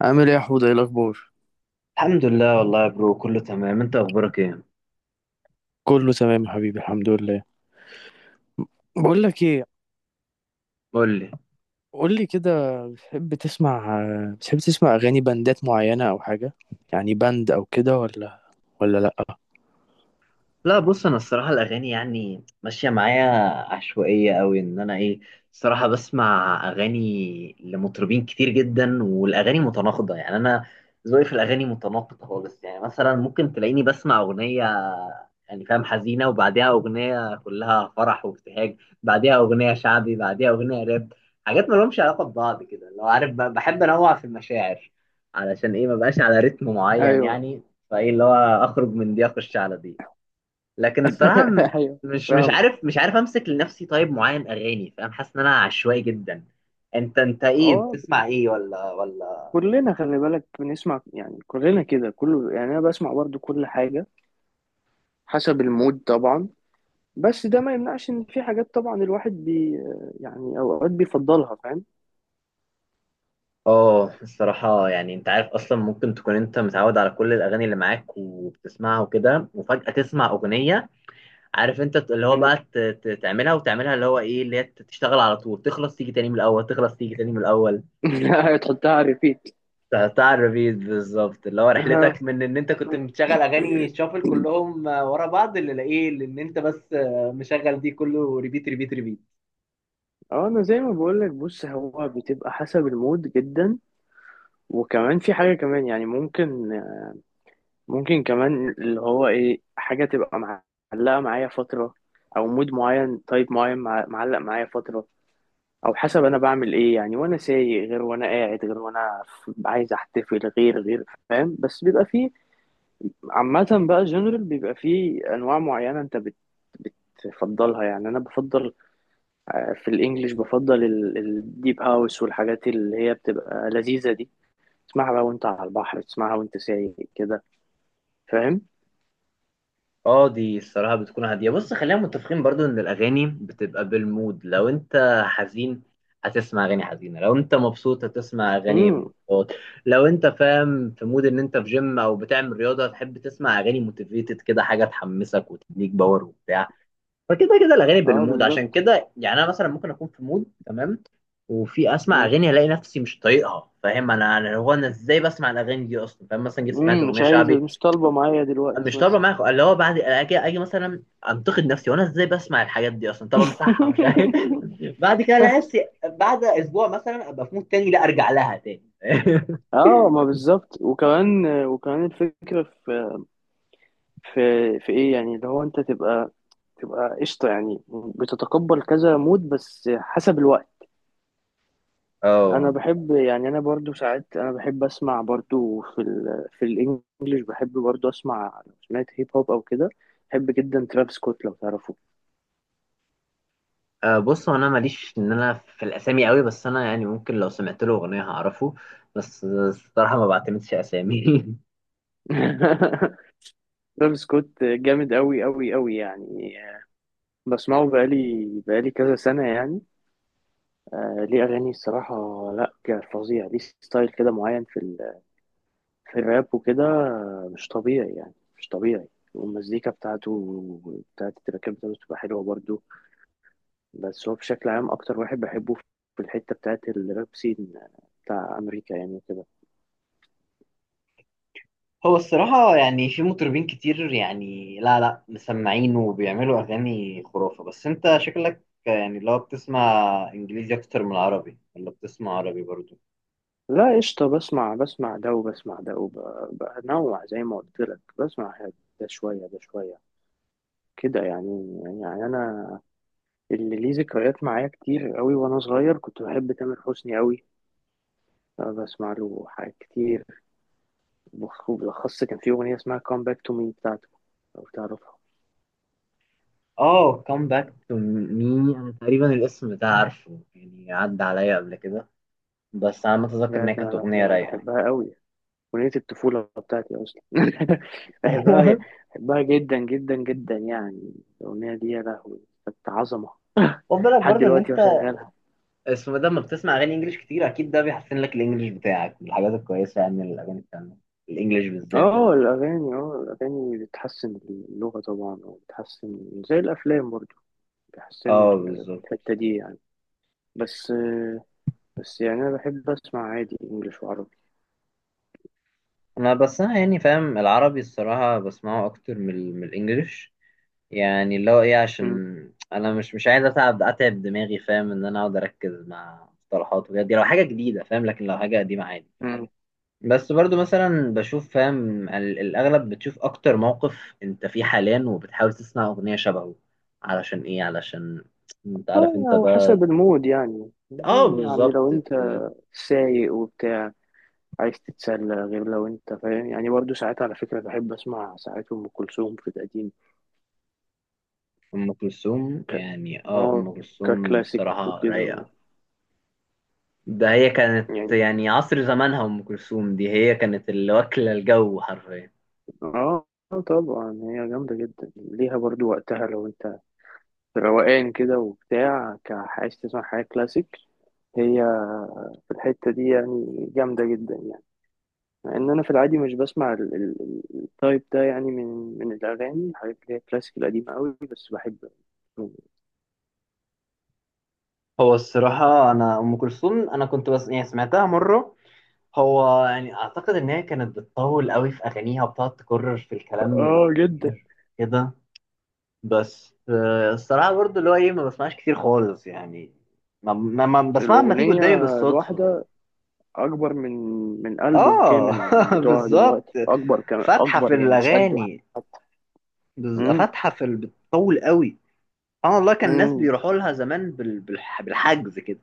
عامل ايه يا حوده؟ ايه الاخبار؟ الحمد لله والله يا برو، كله تمام. انت اخبارك ايه؟ كله تمام يا حبيبي، الحمد لله. بقول لك ايه؟ قول لي. قول لي كده. بتحب تسمع بتحب تسمع اغاني باندات معينه او حاجه؟ يعني باند او كده، ولا لا؟ لا، بص، انا الصراحه الاغاني يعني ماشيه معايا عشوائيه قوي. انا ايه الصراحه بسمع اغاني لمطربين كتير جدا، والاغاني متناقضه. يعني انا ذوقي في الاغاني متناقض خالص. يعني مثلا ممكن تلاقيني بسمع اغنيه يعني فاهم حزينه، وبعديها اغنيه كلها فرح وابتهاج، بعديها اغنيه شعبي، بعديها اغنيه راب. حاجات ما لهمش علاقه ببعض كده، لو عارف، بحب انوع في المشاعر. علشان ايه؟ ما بقاش على رتم معين ايوه. يعني. فايه اللي هو اخرج من دي اخش على دي. لكن الصراحه ايوه، مش مش فاهمك. عارف مش عارف امسك لنفسي طيب معين اغاني، فاهم؟ حاسس ان انا عشوائي جدا. انت ايه هو بتسمع؟ ايه ولا؟ كلنا، خلي بالك، بنسمع يعني كلنا كده كله. يعني انا بسمع برضو كل حاجه حسب المود طبعا. بس ده ما يمنعش ان في حاجات طبعا الواحد يعني اوقات بيفضلها، فاهم. اه الصراحة يعني انت عارف، اصلا ممكن تكون انت متعود على كل الاغاني اللي معاك وبتسمعها وكده، وفجأة تسمع اغنية، عارف انت، اللي هو بقى تعملها وتعملها، اللي هو ايه، اللي هي تشتغل على طول تخلص تيجي تاني من الاول، تحطها على ريبيت. بتاع الريبيت بالظبط. اللي هو رحلتك من ان انت كنت مشغل اغاني شافل كلهم ورا بعض اللي لاقيه، لان انت بس مشغل دي كله ريبيت ريبيت ريبيت. اه، انا زي ما بقول لك، بص، هو بتبقى حسب المود جدا. وكمان في حاجه كمان، يعني ممكن كمان اللي هو ايه، حاجه تبقى معلقه معايا فتره، او مود معين، تايب معين، معلق معايا فتره، او حسب انا بعمل ايه يعني، وانا سايق غير، وانا قاعد غير، وانا عايز احتفل غير غير، فاهم. بس بيبقى فيه، عامه بقى، جنرال بيبقى فيه انواع معينه انت بتفضلها. يعني انا بفضل في الانجليش، بفضل الديب هاوس والحاجات اللي هي بتبقى لذيذة دي. تسمعها بقى وانت على البحر، تسمعها وانت سايق كده، فاهم. اه دي الصراحه بتكون هاديه. بص، خلينا متفقين برضو ان الاغاني بتبقى بالمود. لو انت حزين هتسمع اغاني حزينه، لو انت مبسوط هتسمع اغاني امم. مبسوط، لو انت فاهم في مود ان انت في جيم او بتعمل رياضه هتحب تسمع اغاني موتيفيتد كده، حاجه تحمسك وتديك باور وبتاع. فكده كده الاغاني اه، بالمود. عشان بالظبط. كده يعني انا مثلا ممكن اكون في مود تمام، وفي اسمع امم. اغاني الاقي نفسي مش طايقها، فاهم؟ انا ازاي بسمع الاغاني دي اصلا؟ فاهم؟ مثلا جيت سمعت مش اغنيه عايز، شعبي مش طالبة معايا دلوقتي مش طالبه مثلا. معايا، اللي هو بعد اجي مثلا انتقد نفسي وانا ازاي بسمع الحاجات دي اصلا؟ طب امسحها؟ مش عارف. بعد كده الاقي نفسي بعد اسبوع مثلا ابقى في مود تاني، لا ارجع لها تاني. اه، ما بالظبط. وكمان الفكرة في في ايه، يعني اللي هو انت تبقى قشطة يعني. بتتقبل كذا مود بس حسب الوقت. انا اه بحب، يعني انا برضو ساعات انا بحب اسمع برضو في الانجليش، بحب برضو اسمع لو سمعت هيب هوب او كده. بحب جدا ترافيس سكوت، لو تعرفه. آه، بص، هو انا ماليش ان انا في الاسامي قوي، بس انا يعني ممكن لو سمعت له اغنيه هعرفه، بس الصراحه ما بعتمدش اسامي. ترافيس سكوت جامد قوي قوي قوي يعني. بسمعه بقالي كذا سنة يعني. آه، ليه اغاني الصراحة. لا، فظيع، ليه ستايل كده معين في الراب وكده. آه، مش طبيعي يعني، مش طبيعي. والمزيكا بتاعت التراكات بتاعته بتبقى حلوة برضو. بس هو بشكل عام اكتر واحد بحبه في الحتة بتاعت الراب سين، بتاع امريكا يعني وكده. هو الصراحة يعني في مطربين كتير يعني لا مسمعين وبيعملوا أغاني خرافة. بس أنت شكلك يعني لو بتسمع إنجليزي أكتر من عربي، ولا بتسمع عربي برضو؟ لا قشطة، بسمع ده وبسمع ده، وبنوع زي ما قلت لك بسمع ده شوية ده شوية كده، يعني انا اللي ليه ذكريات معايا كتير قوي، وانا صغير كنت بحب تامر حسني قوي. بسمع له حاجات كتير. وبالأخص كان في أغنية اسمها Come Back to Me بتاعته، لو تعرفها. اه come back to me، أنا تقريبا الاسم ده عارفه، يعني عدى عليا قبل كده، بس أنا متذكر إن يا، هي ده كانت أنا ده أغنية أنا رايقة. بحبها قوي. أغنية الطفولة بتاعتي أصلا. بحبها بحبها جدا جدا جدا يعني. الأغنية دي يا لهوي، كانت عظمة. خد بالك لحد برضو إن دلوقتي أنت بشغلها. اسمه ده، لما بتسمع أغاني إنجليش كتير أكيد ده بيحسن لك الإنجليش بتاعك. من الحاجات الكويسة يعني الأغاني التانية الإنجليش بالذات. اه، الأغاني، بتحسن اللغة طبعا، وبتحسن زي الأفلام برضو، بيحسنوا اه بالظبط. الحتة دي يعني. بس بس يعني، أنا بحب أسمع عادي إنجليش وعربي. انا بس انا يعني فاهم العربي الصراحه بسمعه اكتر من من الانجليش. يعني اللي هو ايه، مم. عشان انا مش عايز اتعب دماغي، فاهم؟ ان انا اقعد اركز مع مصطلحات وكده، دي لو حاجه جديده فاهم، لكن لو حاجه قديمه عادي. مم. بس برضو مثلا بشوف، فاهم، الاغلب بتشوف اكتر موقف انت فيه حاليا، وبتحاول تسمع اغنيه شبهه. علشان ايه؟ علشان انت اه، عارف انت بقى. وحسب المود يعني. اه يعني بالظبط. لو أنت سايق وبتاع، عايز تتسلى غير، لو انت فاهم يعني. برضو ساعات على فكرة بحب اسمع ساعات ام كلثوم في القديم. ام كلثوم، يعني اه اه، ام كلثوم ككلاسيك الصراحه وكده، و. رايقه. ده هي كانت يعني. يعني عصر زمانها، ام كلثوم دي هي كانت اللي واكله الجو حرفيا. اه، طبعا هي جامدة جدا، ليها برضو وقتها، لو انت روقان كده وبتاع، عايز تسمع حاجة كلاسيك. هي في الحتة دي يعني، جامدة جدا يعني. مع ان انا في العادي مش بسمع التايب ده يعني، من الاغاني، حاجات اللي هي كلاسيك القديمة قوي بس بحب. هو الصراحة أنا أم كلثوم أنا كنت بس يعني سمعتها مرة. هو يعني أعتقد إن هي كانت بتطول قوي في أغانيها وبتقعد تكرر في الكلام اه جدا. كتير كده. بس آه، الصراحة برضو اللي هو إيه، ما بسمعش كتير خالص يعني، ما بسمعها لما تيجي قدامي الأغنية بالصدفة. الواحدة اكبر من البوم آه. كامل بتوع بالظبط، دلوقتي، اكبر كم فاتحة اكبر في يعني، مش قده. الأغاني، امم. فاتحة في بتطول قوي. اه والله كان الناس امم. بيروحوا لها زمان بالحجز كده.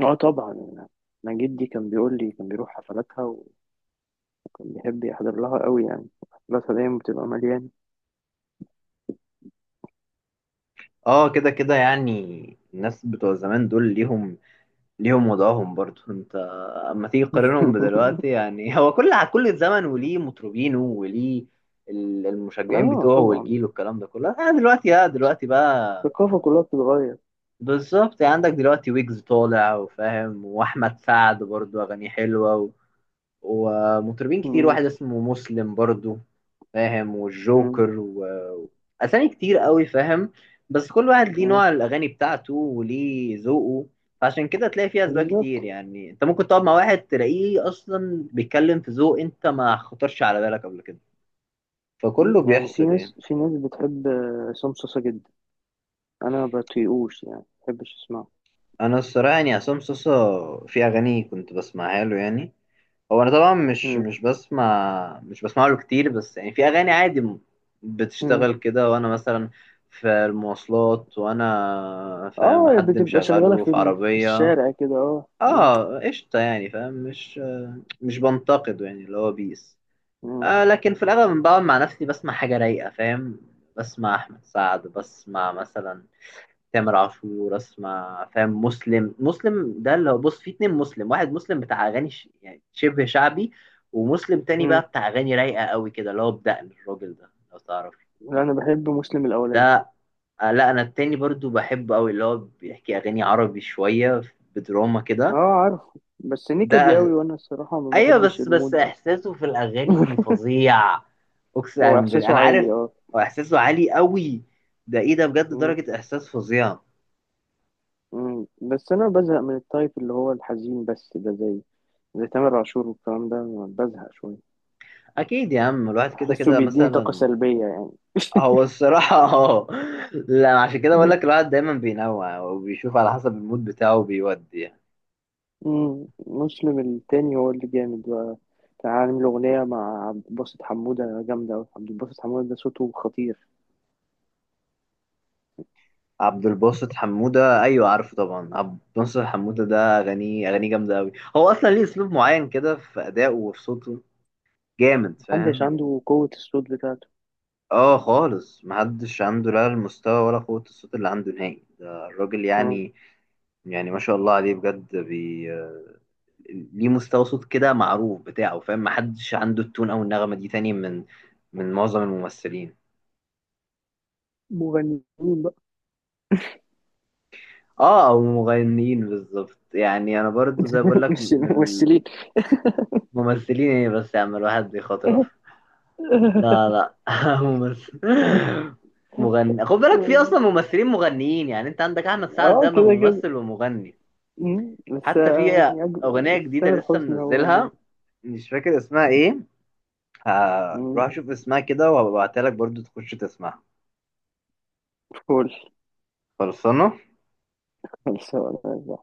اه، طبعا. انا جدي كان بيقول لي كان بيروح حفلاتها، وكان بيحب يحضر لها قوي يعني، حفلاتها دايما بتبقى مليانه. اه كده كده يعني. الناس بتوع زمان دول ليهم وضعهم برضو. انت اما تيجي تقارنهم بدلوقتي يعني، هو كل زمن وليه مطربينه وليه المشجعين اه، بتوعه طبعا والجيل والكلام ده كله. آه دلوقتي لا، دلوقتي بقى الثقافه كلها بتتغير. بالظبط، يعني عندك دلوقتي ويجز طالع وفاهم، واحمد سعد برضو اغانيه حلوه، ومطربين كتير، مم. واحد اسمه مسلم برضو، فاهم، مم. والجوكر و... أسامي كتير قوي، فاهم. بس كل واحد ليه مم. نوع الأغاني بتاعته وليه ذوقه. فعشان كده تلاقي فيه أسباب كتير، بالظبط. يعني أنت ممكن تقعد مع واحد تلاقيه أصلا بيتكلم في ذوق أنت ما خطرش على بالك قبل كده. مم. فكله يعني في بيحصل يعني. ناس في ناس بتحب عصام صاصا جدا، انا بطيقوش يعني، ما بحبش اسمعه. أنا الصراحة يعني عصام صوصة في أغاني كنت بسمعها له يعني، هو انا طبعا مش مم. مش بسمع، مش بسمع له كتير، بس يعني في اغاني عادي مم. بتشتغل كده وانا مثلا في المواصلات وانا فاهم اه، حد بتبقى شغاله مشغله في في عربية. الشارع كده، اه. اه قشطة يعني، فاهم، مش بنتقده يعني، اللي هو بيس. مم. آه، لكن في الاغلب بقعد مع نفسي بسمع حاجة رايقة، فاهم، بسمع احمد سعد، بسمع مثلا تامر عاشور، اسمع فاهم مسلم ده اللي هو، بص، في اتنين مسلم، واحد مسلم بتاع اغاني ش... يعني شبه شعبي، ومسلم تاني بقى مم. بتاع اغاني رايقه قوي كده، اللي هو بدقن الراجل ده لو تعرف. لا، انا بحب مسلم الاولاني. ده آه، لا انا التاني برضو بحبه قوي، اللي هو بيحكي اغاني عربي شويه بدراما اه، كده. عارف. بس ده نيكا دي أغ... قوي، وانا الصراحه ما ايوه، بحبش بس المود ده. احساسه في الاغاني فظيع، هو اقسم بالله احساسه انا عالي، عارف. اه. هو احساسه عالي قوي. ده ايه ده، بجد مم. درجه احساس فظيعه. مم. بس انا بزهق من التايب اللي هو الحزين بس، ده زي تامر عاشور والكلام ده، بزهق شويه. اكيد يا عم، الواحد كده بحسه كده بيديني طاقه مثلا. سلبيه يعني. هو الصراحة اه. لا عشان كده بقول مم. لك الواحد دايما بينوع وبيشوف على حسب المود بتاعه وبيودي يعني. مم. مسلم التاني هو اللي جامد بقى. كان عامل أغنية مع عبد الباسط حمودة جامدة أوي. عبد الباسط حمودة ده صوته خطير. عبد الباسط حمودة، أيوة عارفه طبعا. عبد الباسط حمودة ده أغانيه، جامدة أوي. هو أصلا ليه أسلوب معين كده في أدائه وفي صوته جامد، محدش فاهم يعني. عنده قوة الصوت بتاعته. اه خالص، محدش عنده لا المستوى ولا قوة الصوت اللي عنده نهائي. ده الراجل مم. يعني، يعني ما شاء الله عليه بجد. بي ليه مستوى صوت كده معروف بتاعه، فاهم، محدش عنده التون او النغمه دي تاني من من معظم الممثلين. مغنيين بقى. اه او المغنيين، بالظبط يعني. انا برضو زي بقول لك مش من الممثلين. الممثلين، ايه بس، يا عم الواحد بيخاطرف. لا لا ممثل، مغني. خد بالك في اصلا ممثلين مغنيين يعني. انت عندك احمد سعد اه، ده كده كده. ممثل ومغني. مم. بس حتى في يعني اغنيه جديده تامر لسه حسني هو جامد. منزلها، مش فاكر اسمها ايه، مم. هروح اشوف اسمها كده وهبعتها لك برضو تخش تسمعها. فول. خلصانة. خلصانة.